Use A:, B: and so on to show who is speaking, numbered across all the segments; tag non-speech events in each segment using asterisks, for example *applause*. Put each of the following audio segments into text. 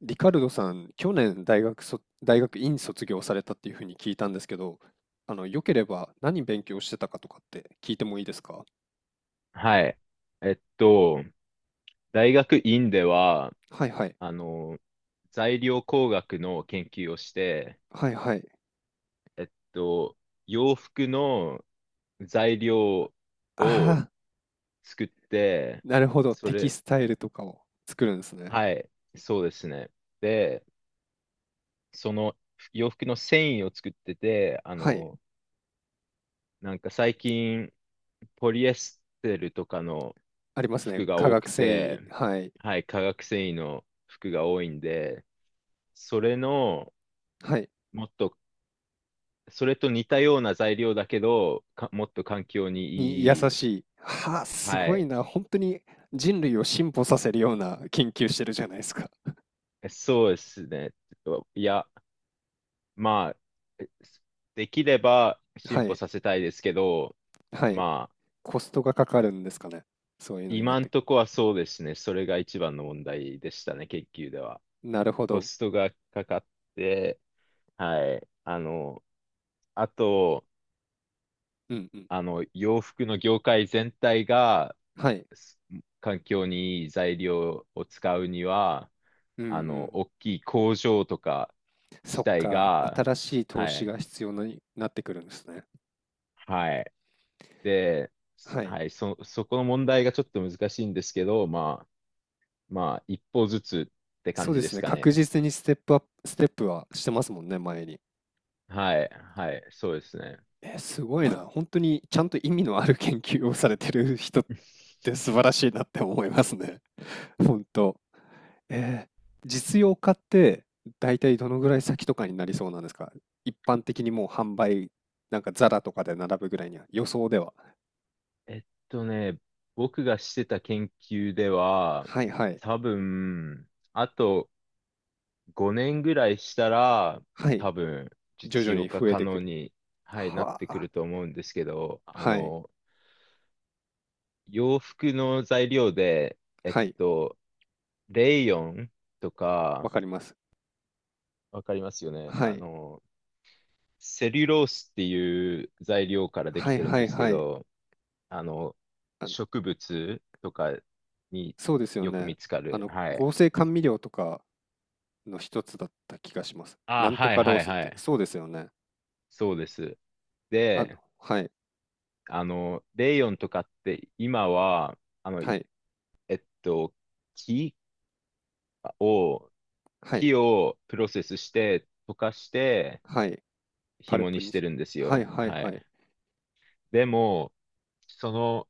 A: リカルドさん、去年大学大学院卒業されたっていうふうに聞いたんですけど、よければ何勉強してたかとかって聞いてもいいですか？
B: はい。えっと、大学院では、
A: はいはい。
B: あの、材料工学の研究をして、
A: はいはい。
B: えっと、洋服の材料
A: あ
B: を
A: あ、
B: 作って、
A: なるほど。
B: そ
A: テキ
B: れ、
A: スタイルとかを作るんですね。
B: はい、そうですね。で、その洋服の繊維を作ってて、
A: はい。
B: なんか最近、ポリエステルとかの
A: ありますね。
B: 服が
A: 化
B: 多
A: 学
B: く
A: 繊
B: て、
A: 維。はい。
B: はい、化学繊維の服が多いんで、それの、
A: はい。
B: もっと、それと似たような材料だけど、かもっと環境
A: に優
B: にいい。
A: しい。はあ、す
B: は
A: ごい
B: い。
A: な。本当に人類を進歩させるような研究してるじゃないですか。
B: そうですね。いや、まあ、できれば
A: は
B: 進歩
A: い。
B: させたいですけど、
A: はい。
B: まあ、
A: コストがかかるんですかね。そういうのになっ
B: 今ん
A: て。
B: とこはそうですね。それが一番の問題でしたね、研究では。
A: なるほ
B: コ
A: ど。
B: ストがかかって、はい。あと、
A: うんうん。
B: 洋服の業界全体が、
A: はい。
B: す環境にいい材料を使うには、
A: うんうん。
B: 大きい工場とか
A: そ
B: 自
A: っ
B: 体
A: か、
B: が、
A: 新しい投
B: は
A: 資
B: い、
A: が必要になってくるんですね。
B: はい。で、
A: はい。
B: はい、そこの問題がちょっと難しいんですけど、まあ、一歩ずつって感
A: そう
B: じ
A: で
B: で
A: す
B: す
A: ね。
B: か
A: 確
B: ね。
A: 実にステップアップ、ステップはしてますもんね、前に。
B: はい、はい、そうですね。
A: すごいな。*laughs* 本当にちゃんと意味のある研究をされてる人って素晴
B: *laughs*
A: らしいなって思いますね。*laughs* 本当。えー、実用化って大体どのぐらい先とかになりそうなんですか？一般的にもう販売、なんかザラとかで並ぶぐらいには、予想では。
B: えっとね、僕がしてた研究では、
A: はいはい。
B: 多分、あと、5年ぐらいしたら、
A: はい。
B: 多分、
A: 徐
B: 実
A: 々
B: 用
A: に
B: 化
A: 増え
B: 可
A: てく
B: 能
A: る。
B: に、はい、なっ
A: は
B: てく
A: あ。
B: ると思うんですけど、
A: はい。
B: 洋服の材料で、えっ
A: はい、
B: と、レイヨンと
A: わ
B: か、
A: かります。
B: わかりますよね。
A: はい。
B: セリュロースっていう材料からでき
A: はい
B: てるん
A: は
B: で
A: い
B: すけ
A: はい。
B: ど、あの、
A: あの、
B: 植物とかに
A: そうですよ
B: よく
A: ね。
B: 見つかる。はい。
A: 合成甘味料とかの一つだった気がします。な
B: あ、
A: んと
B: はい
A: かロー
B: はい
A: スっ
B: は
A: て、
B: い。
A: そうですよね。
B: そうです。
A: あの、
B: で、
A: はい、
B: レイヨンとかって今は、あの、
A: は
B: い
A: い、
B: えっと、木を、
A: はい、
B: 木をプロセスして、溶かして、
A: はい。パル
B: 紐
A: プ
B: にし
A: に
B: て
A: し、
B: るんです
A: はい
B: よ。
A: はい
B: は
A: は
B: い。
A: い。
B: でも、その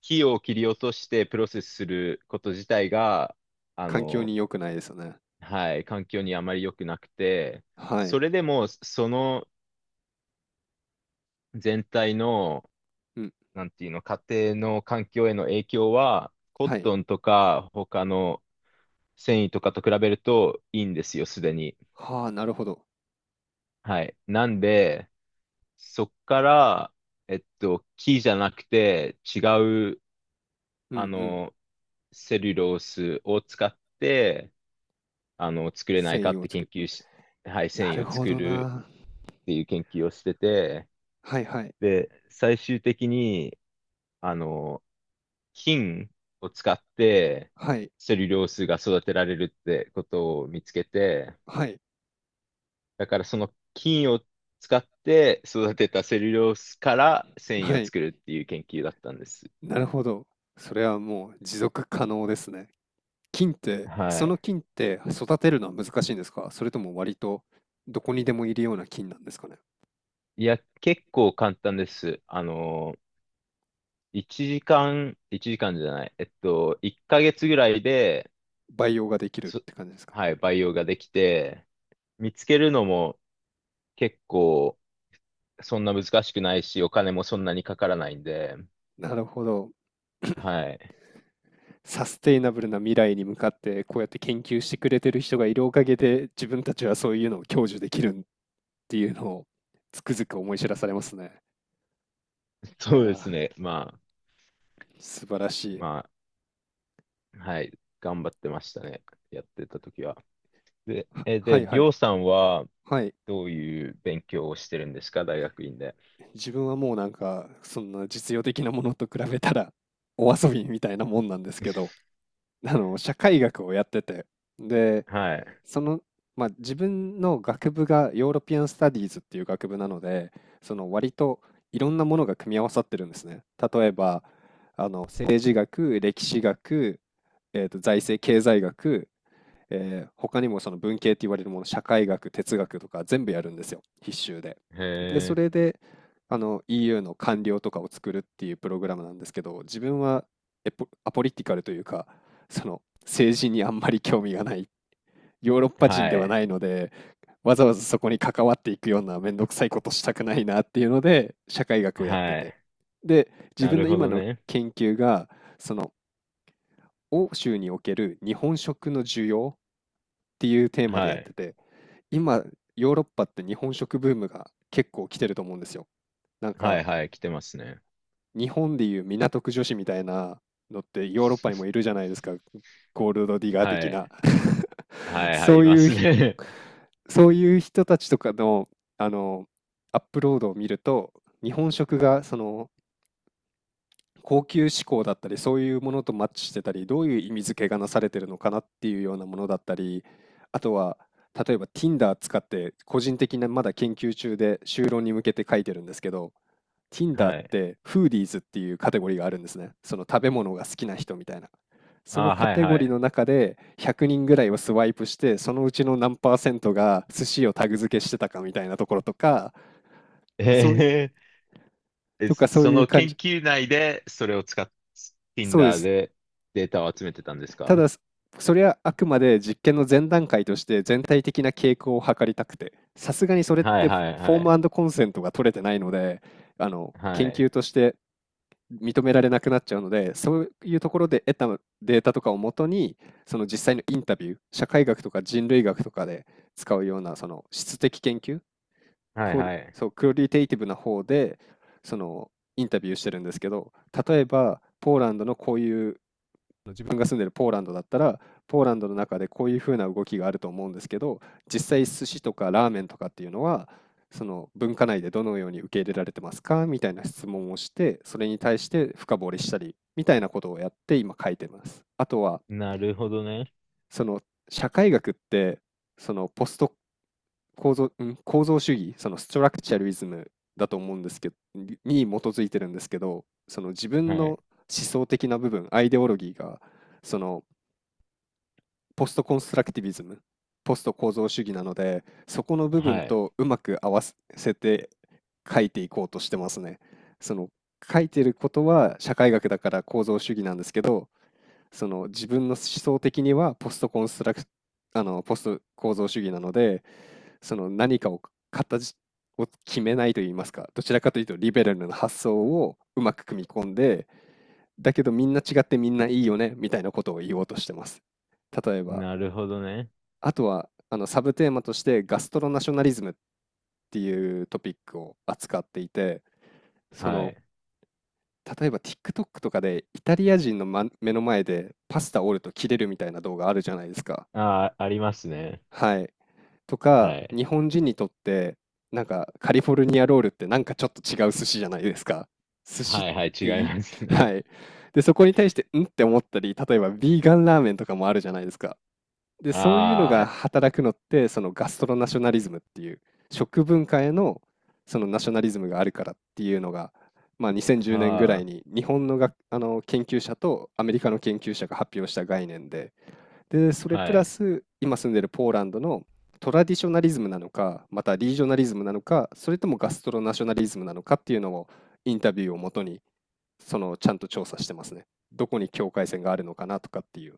B: 木を切り落としてプロセスすること自体が、あ
A: 環境
B: の、
A: に良くないですよね。
B: はい、環境にあまり良くなくて、
A: はい。
B: それでも、その全体の、
A: うん、
B: なんていうの、家庭の環境への影響は、コッ
A: はい。
B: トンとか他の繊維とかと比べるといいんですよ、すでに。
A: はあ、なるほど。
B: はい。なんで、そっから、木じゃなくて違う、
A: う
B: あ
A: んうん。
B: の、セルロースを使って、作れな
A: 繊
B: いか
A: 維
B: っ
A: を
B: て
A: 作
B: 研
A: る。
B: 究し、はい、繊
A: な
B: 維
A: る
B: を
A: ほ
B: 作
A: ど
B: る
A: な。
B: っていう研究をしてて、
A: はいはい。
B: で、最終的に、あの、菌を使って
A: はい。
B: セルロースが育てられるってことを見つけて、
A: はい。
B: だからその菌を使って育てたセルロースから繊
A: は
B: 維を
A: い。
B: 作るっていう研究だったんです。
A: なるほど。それはもう持続可能ですね。菌って、
B: は
A: その
B: い。
A: 菌って育てるのは難しいんですか？それとも割とどこにでもいるような菌なんですかね？
B: いや、結構簡単です。1時間、1時間じゃない、1ヶ月ぐらいで、
A: 培養ができる
B: そ
A: って感じですかね？
B: はい、培養ができて、見つけるのも結構そんな難しくないし、お金もそんなにかからないんで、
A: なるほど。*coughs*
B: はい。
A: *clears throat* サステイナブルな未来に向かって、こうやって研究してくれてる人がいるおかげで、自分たちはそういうのを享受できるっていうのをつくづく思い知らされますね。
B: *laughs*
A: いや
B: そうです
A: ー、
B: ね。まあ、
A: 素晴らしい。
B: まあ、はい。頑張ってましたね。やってた時は。で、
A: は
B: え、
A: は
B: で、
A: い
B: り
A: はい。
B: ょうさんは
A: はい。
B: どういう勉強をしてるんですか、大学院で。
A: 自分はもうなんか、そんな実用的なものと比べたら、お遊びみたいなもんなんですけど。社会学をやってて、で
B: はい。
A: その、まあ、自分の学部がヨーロピアン・スタディーズっていう学部なので、その割といろんなものが組み合わさってるんですね。例えば政治学、歴史学、財政経済学、他にもその文系って言われるもの、社会学、哲学とか全部やるんですよ、必修で。
B: へ
A: で、それ
B: え、
A: で、EU の官僚とかを作るっていうプログラムなんですけど、自分はエポアポリティカルというか、その政治にあんまり興味がない、ヨーロッパ人
B: は
A: では
B: い。
A: ないので、わざわざそこに関わっていくようなめんどくさいことしたくないなっていうので、社会学をやって
B: は
A: て。
B: い。
A: で、自
B: な
A: 分
B: る
A: の
B: ほ
A: 今
B: ど
A: の
B: ね。
A: 研究が、その欧州における日本食の需要っていうテーマで
B: は
A: やって
B: い。
A: て、今、ヨーロッパって日本食ブームが結構来てると思うんですよ。なん
B: は
A: か、
B: い、はい、来てますね。
A: 日本でいう港区女子みたいなのってヨーロッパにもいるじゃないですか。ゴールドディガー
B: は
A: 的
B: い。
A: な。 *laughs*。
B: はい、は
A: そ
B: い、い
A: う
B: ま
A: いう
B: す
A: ひ、
B: ね。
A: そういう人たちとかの、あの、アップロードを見ると、日本食がその高級志向だったりそういうものとマッチしてたり、どういう意味付けがなされてるのかなっていうようなものだったり、あとは例えば Tinder 使って、個人的なまだ研究中で修論に向けて書いてるんですけど、
B: *laughs*
A: Tinder
B: は
A: っ
B: い。
A: てフーディーズっていうカテゴリーがあるんですね。その食べ物が好きな人みたいな、その
B: あ、
A: カ
B: はい、
A: テゴ
B: は
A: リー
B: い。
A: の中で100人ぐらいをスワイプして、そのうちの何パーセントが寿司をタグ付けしてたかみたいなところとか、
B: え
A: そうい
B: ーえ、
A: とか、そう
B: そ
A: いう
B: の
A: 感
B: 研
A: じ、
B: 究内でそれを使っ、
A: そうで
B: Tinder
A: す。
B: でデータを集めてたんですか？
A: ただ、それはあくまで実験の前段階として全体的な傾向を測りたくて、さすがにそれっ
B: はい、
A: てフ
B: はい、
A: ォ
B: はい。
A: ームコンセントが取れてないので、あの
B: は
A: 研
B: い。
A: 究として認められなくなっちゃうので、そういうところで得たデータとかをもとに、その実際のインタビュー、社会学とか人類学とかで使うようなその質的研究、
B: はい、
A: クオリ
B: はい。
A: そうクオリテイティブな方でそのインタビューしてるんですけど、例えばポーランドのこういう、自分が住んでるポーランドだったら、ポーランドの中でこういうふうな動きがあると思うんですけど、実際寿司とかラーメンとかっていうのは、その文化内でどのように受け入れられてますかみたいな質問をして、それに対して深掘りしたり、みたいなことをやって今書いてます。あとは、
B: なるほどね。
A: その社会学って、そのポスト構造、構造主義、そのストラクチャリズムだと思うんですけど、に基づいてるんですけど、その自分の
B: はい。
A: 思想的な部分、アイデオロギーが、そのポストコンストラクティビズム、ポスト構造主義なので、そこの部分
B: はい。
A: とうまく合わせて書いていこうとしてますね。その書いてることは社会学だから構造主義なんですけど、その自分の思想的にはポストコンストラク、ポスト構造主義なので、その何かを形を決めないといいますか、どちらかというとリベラルな発想をうまく組み込んで、だけどみんな違ってみんないいよねみたいなことを言おうとしてます。例えば
B: なるほどね。
A: あとは、サブテーマとしてガストロナショナリズムっていうトピックを扱っていて、そ
B: は
A: の、
B: い。
A: 例えば TikTok とかでイタリア人の、ま、目の前でパスタ折ると切れるみたいな動画あるじゃないですか。
B: ああ、ありますね。
A: はい。とか、
B: はい。
A: 日本人にとって、なんかカリフォルニアロールってなんかちょっと違う寿司じゃないですか。寿司っ
B: はいはい、違
A: て
B: い
A: いい。
B: ます
A: は
B: ね。
A: い。で、そこに対して、んって思ったり、例えばビーガンラーメンとかもあるじゃないですか。
B: *laughs*
A: で、そういうのが
B: あ
A: 働くのって、そのガストロナショナリズムっていう、食文化へのそのナショナリズムがあるからっていうのが、まあ、2010
B: あ、
A: 年ぐらい
B: は
A: に日本のがあの研究者とアメリカの研究者が発表した概念で、で、そ
B: あ、
A: れプ
B: は
A: ラ
B: い。
A: ス今住んでるポーランドのトラディショナリズムなのか、またリージョナリズムなのか、それともガストロナショナリズムなのかっていうのを、インタビューをもとにそのちゃんと調査してますね。どこに境界線があるのかなとかっていう。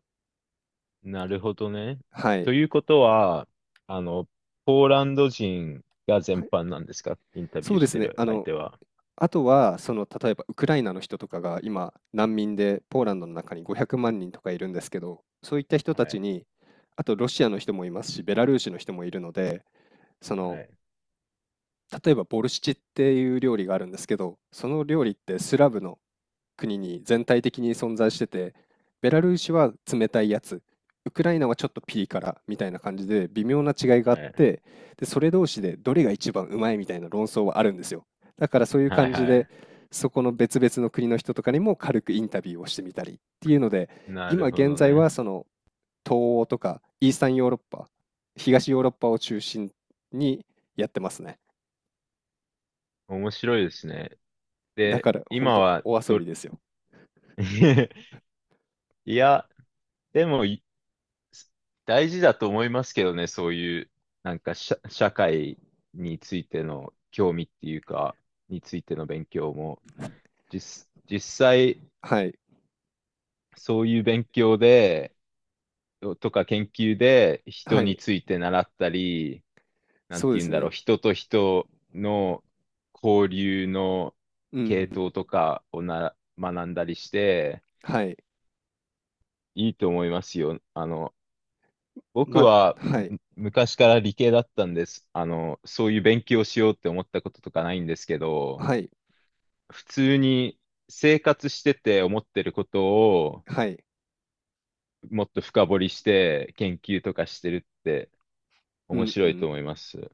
B: なるほどね。
A: はい。
B: ということは、あの、ポーランド人が
A: は
B: 全
A: い、
B: 般なんですか、インタビ
A: そ
B: ュー
A: うで
B: し
A: す
B: て
A: ね。
B: る相手は。
A: あとは、その、例えばウクライナの人とかが今、難民でポーランドの中に500万人とかいるんですけど、そういった人
B: は
A: た
B: い、
A: ちに、あとロシアの人もいますし、ベラルーシの人もいるので、その、
B: はい、
A: 例えばボルシチっていう料理があるんですけど、その料理ってスラブの国に全体的に存在してて、ベラルーシは冷たいやつ、ウクライナはちょっとピリ辛みたいな感じで微妙な違いがあっ
B: はい、
A: て、で、それ同士でどれが一番うまいみたいな論争はあるんですよ。だからそういう
B: はい、
A: 感じ
B: は
A: で、
B: い。
A: そこの別々の国の人とかにも軽くインタビューをしてみたりっていうので、
B: な
A: 今
B: るほ
A: 現
B: ど
A: 在は
B: ね。
A: その東欧とかイースタンヨーロッパ、東ヨーロッパを中心にやってますね。
B: 面白いですね。
A: だ
B: で、
A: から本
B: 今
A: 当
B: は
A: お遊
B: ど、
A: びですよ。
B: *laughs* いや、でも、大事だと思いますけどね、そういう、なんか社会についての興味っていうか、についての勉強も、実際、
A: はい。
B: そういう勉強で、とか研究で
A: は
B: 人に
A: い。
B: ついて習ったり、なん
A: そ
B: て
A: うで
B: 言う
A: す
B: んだろう、
A: ね。
B: 人と人の交流の
A: うんう
B: 系
A: ん。
B: 統とかを学んだりして、
A: はい。
B: いいと思いますよ。僕
A: ま
B: は
A: はい。
B: 昔から理系だったんです。そういう勉強しようって思ったこととかないんですけど、
A: はい。
B: 普通に生活してて思ってることを
A: はい。
B: もっと深掘りして研究とかしてるって
A: う
B: 面
A: ん
B: 白
A: う
B: いと
A: ん。
B: 思います。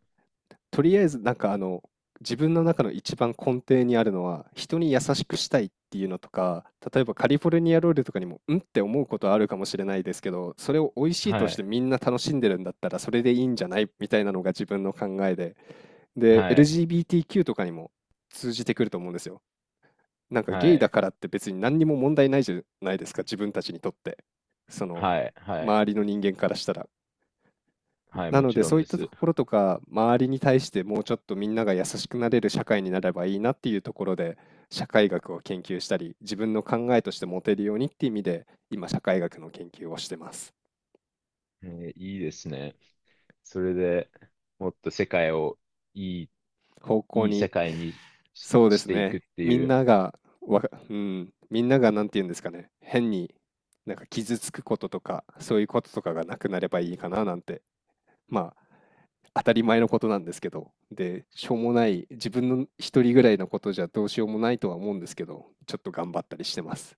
A: とりあえず、なんかあの、自分の中の一番根底にあるのは、人に優しくしたいっていうのとか、例えばカリフォルニアロールとかにも、うん？って思うことはあるかもしれないですけど、それを美味しいと
B: は
A: し
B: い。
A: てみんな楽しんでるんだったら、それでいいんじゃない？みたいなのが自分の考えで。で、
B: はい。
A: LGBTQ とかにも通じてくると思うんですよ。なんか
B: は
A: ゲイだ
B: い。
A: からって別に何にも問題ないじゃないですか、自分たちにとって。その、
B: はい。はい。
A: 周りの人間からしたら。
B: はい。
A: な
B: も
A: の
B: ち
A: で、
B: ろん
A: そういっ
B: で
A: たと
B: す。
A: ころとか、周りに対してもうちょっとみんなが優しくなれる社会になればいいなっていうところで、社会学を研究したり、自分の考えとして持てるようにっていう意味で、今社会学の研究をしてます。
B: いいですね。それでもっと世界をいい、
A: 方向
B: いい世
A: に、
B: 界にし、
A: そうで
B: し
A: す
B: ていく
A: ね。
B: って
A: み
B: い
A: ん
B: う。
A: ながうん、みんながなんて言うんですかね、変になんか傷つくこととか、そういうこととかがなくなればいいかななんて、まあ、当たり前のことなんですけど、で、しょうもない、自分の一人ぐらいのことじゃどうしようもないとは思うんですけど、ちょっと頑張ったりしてます。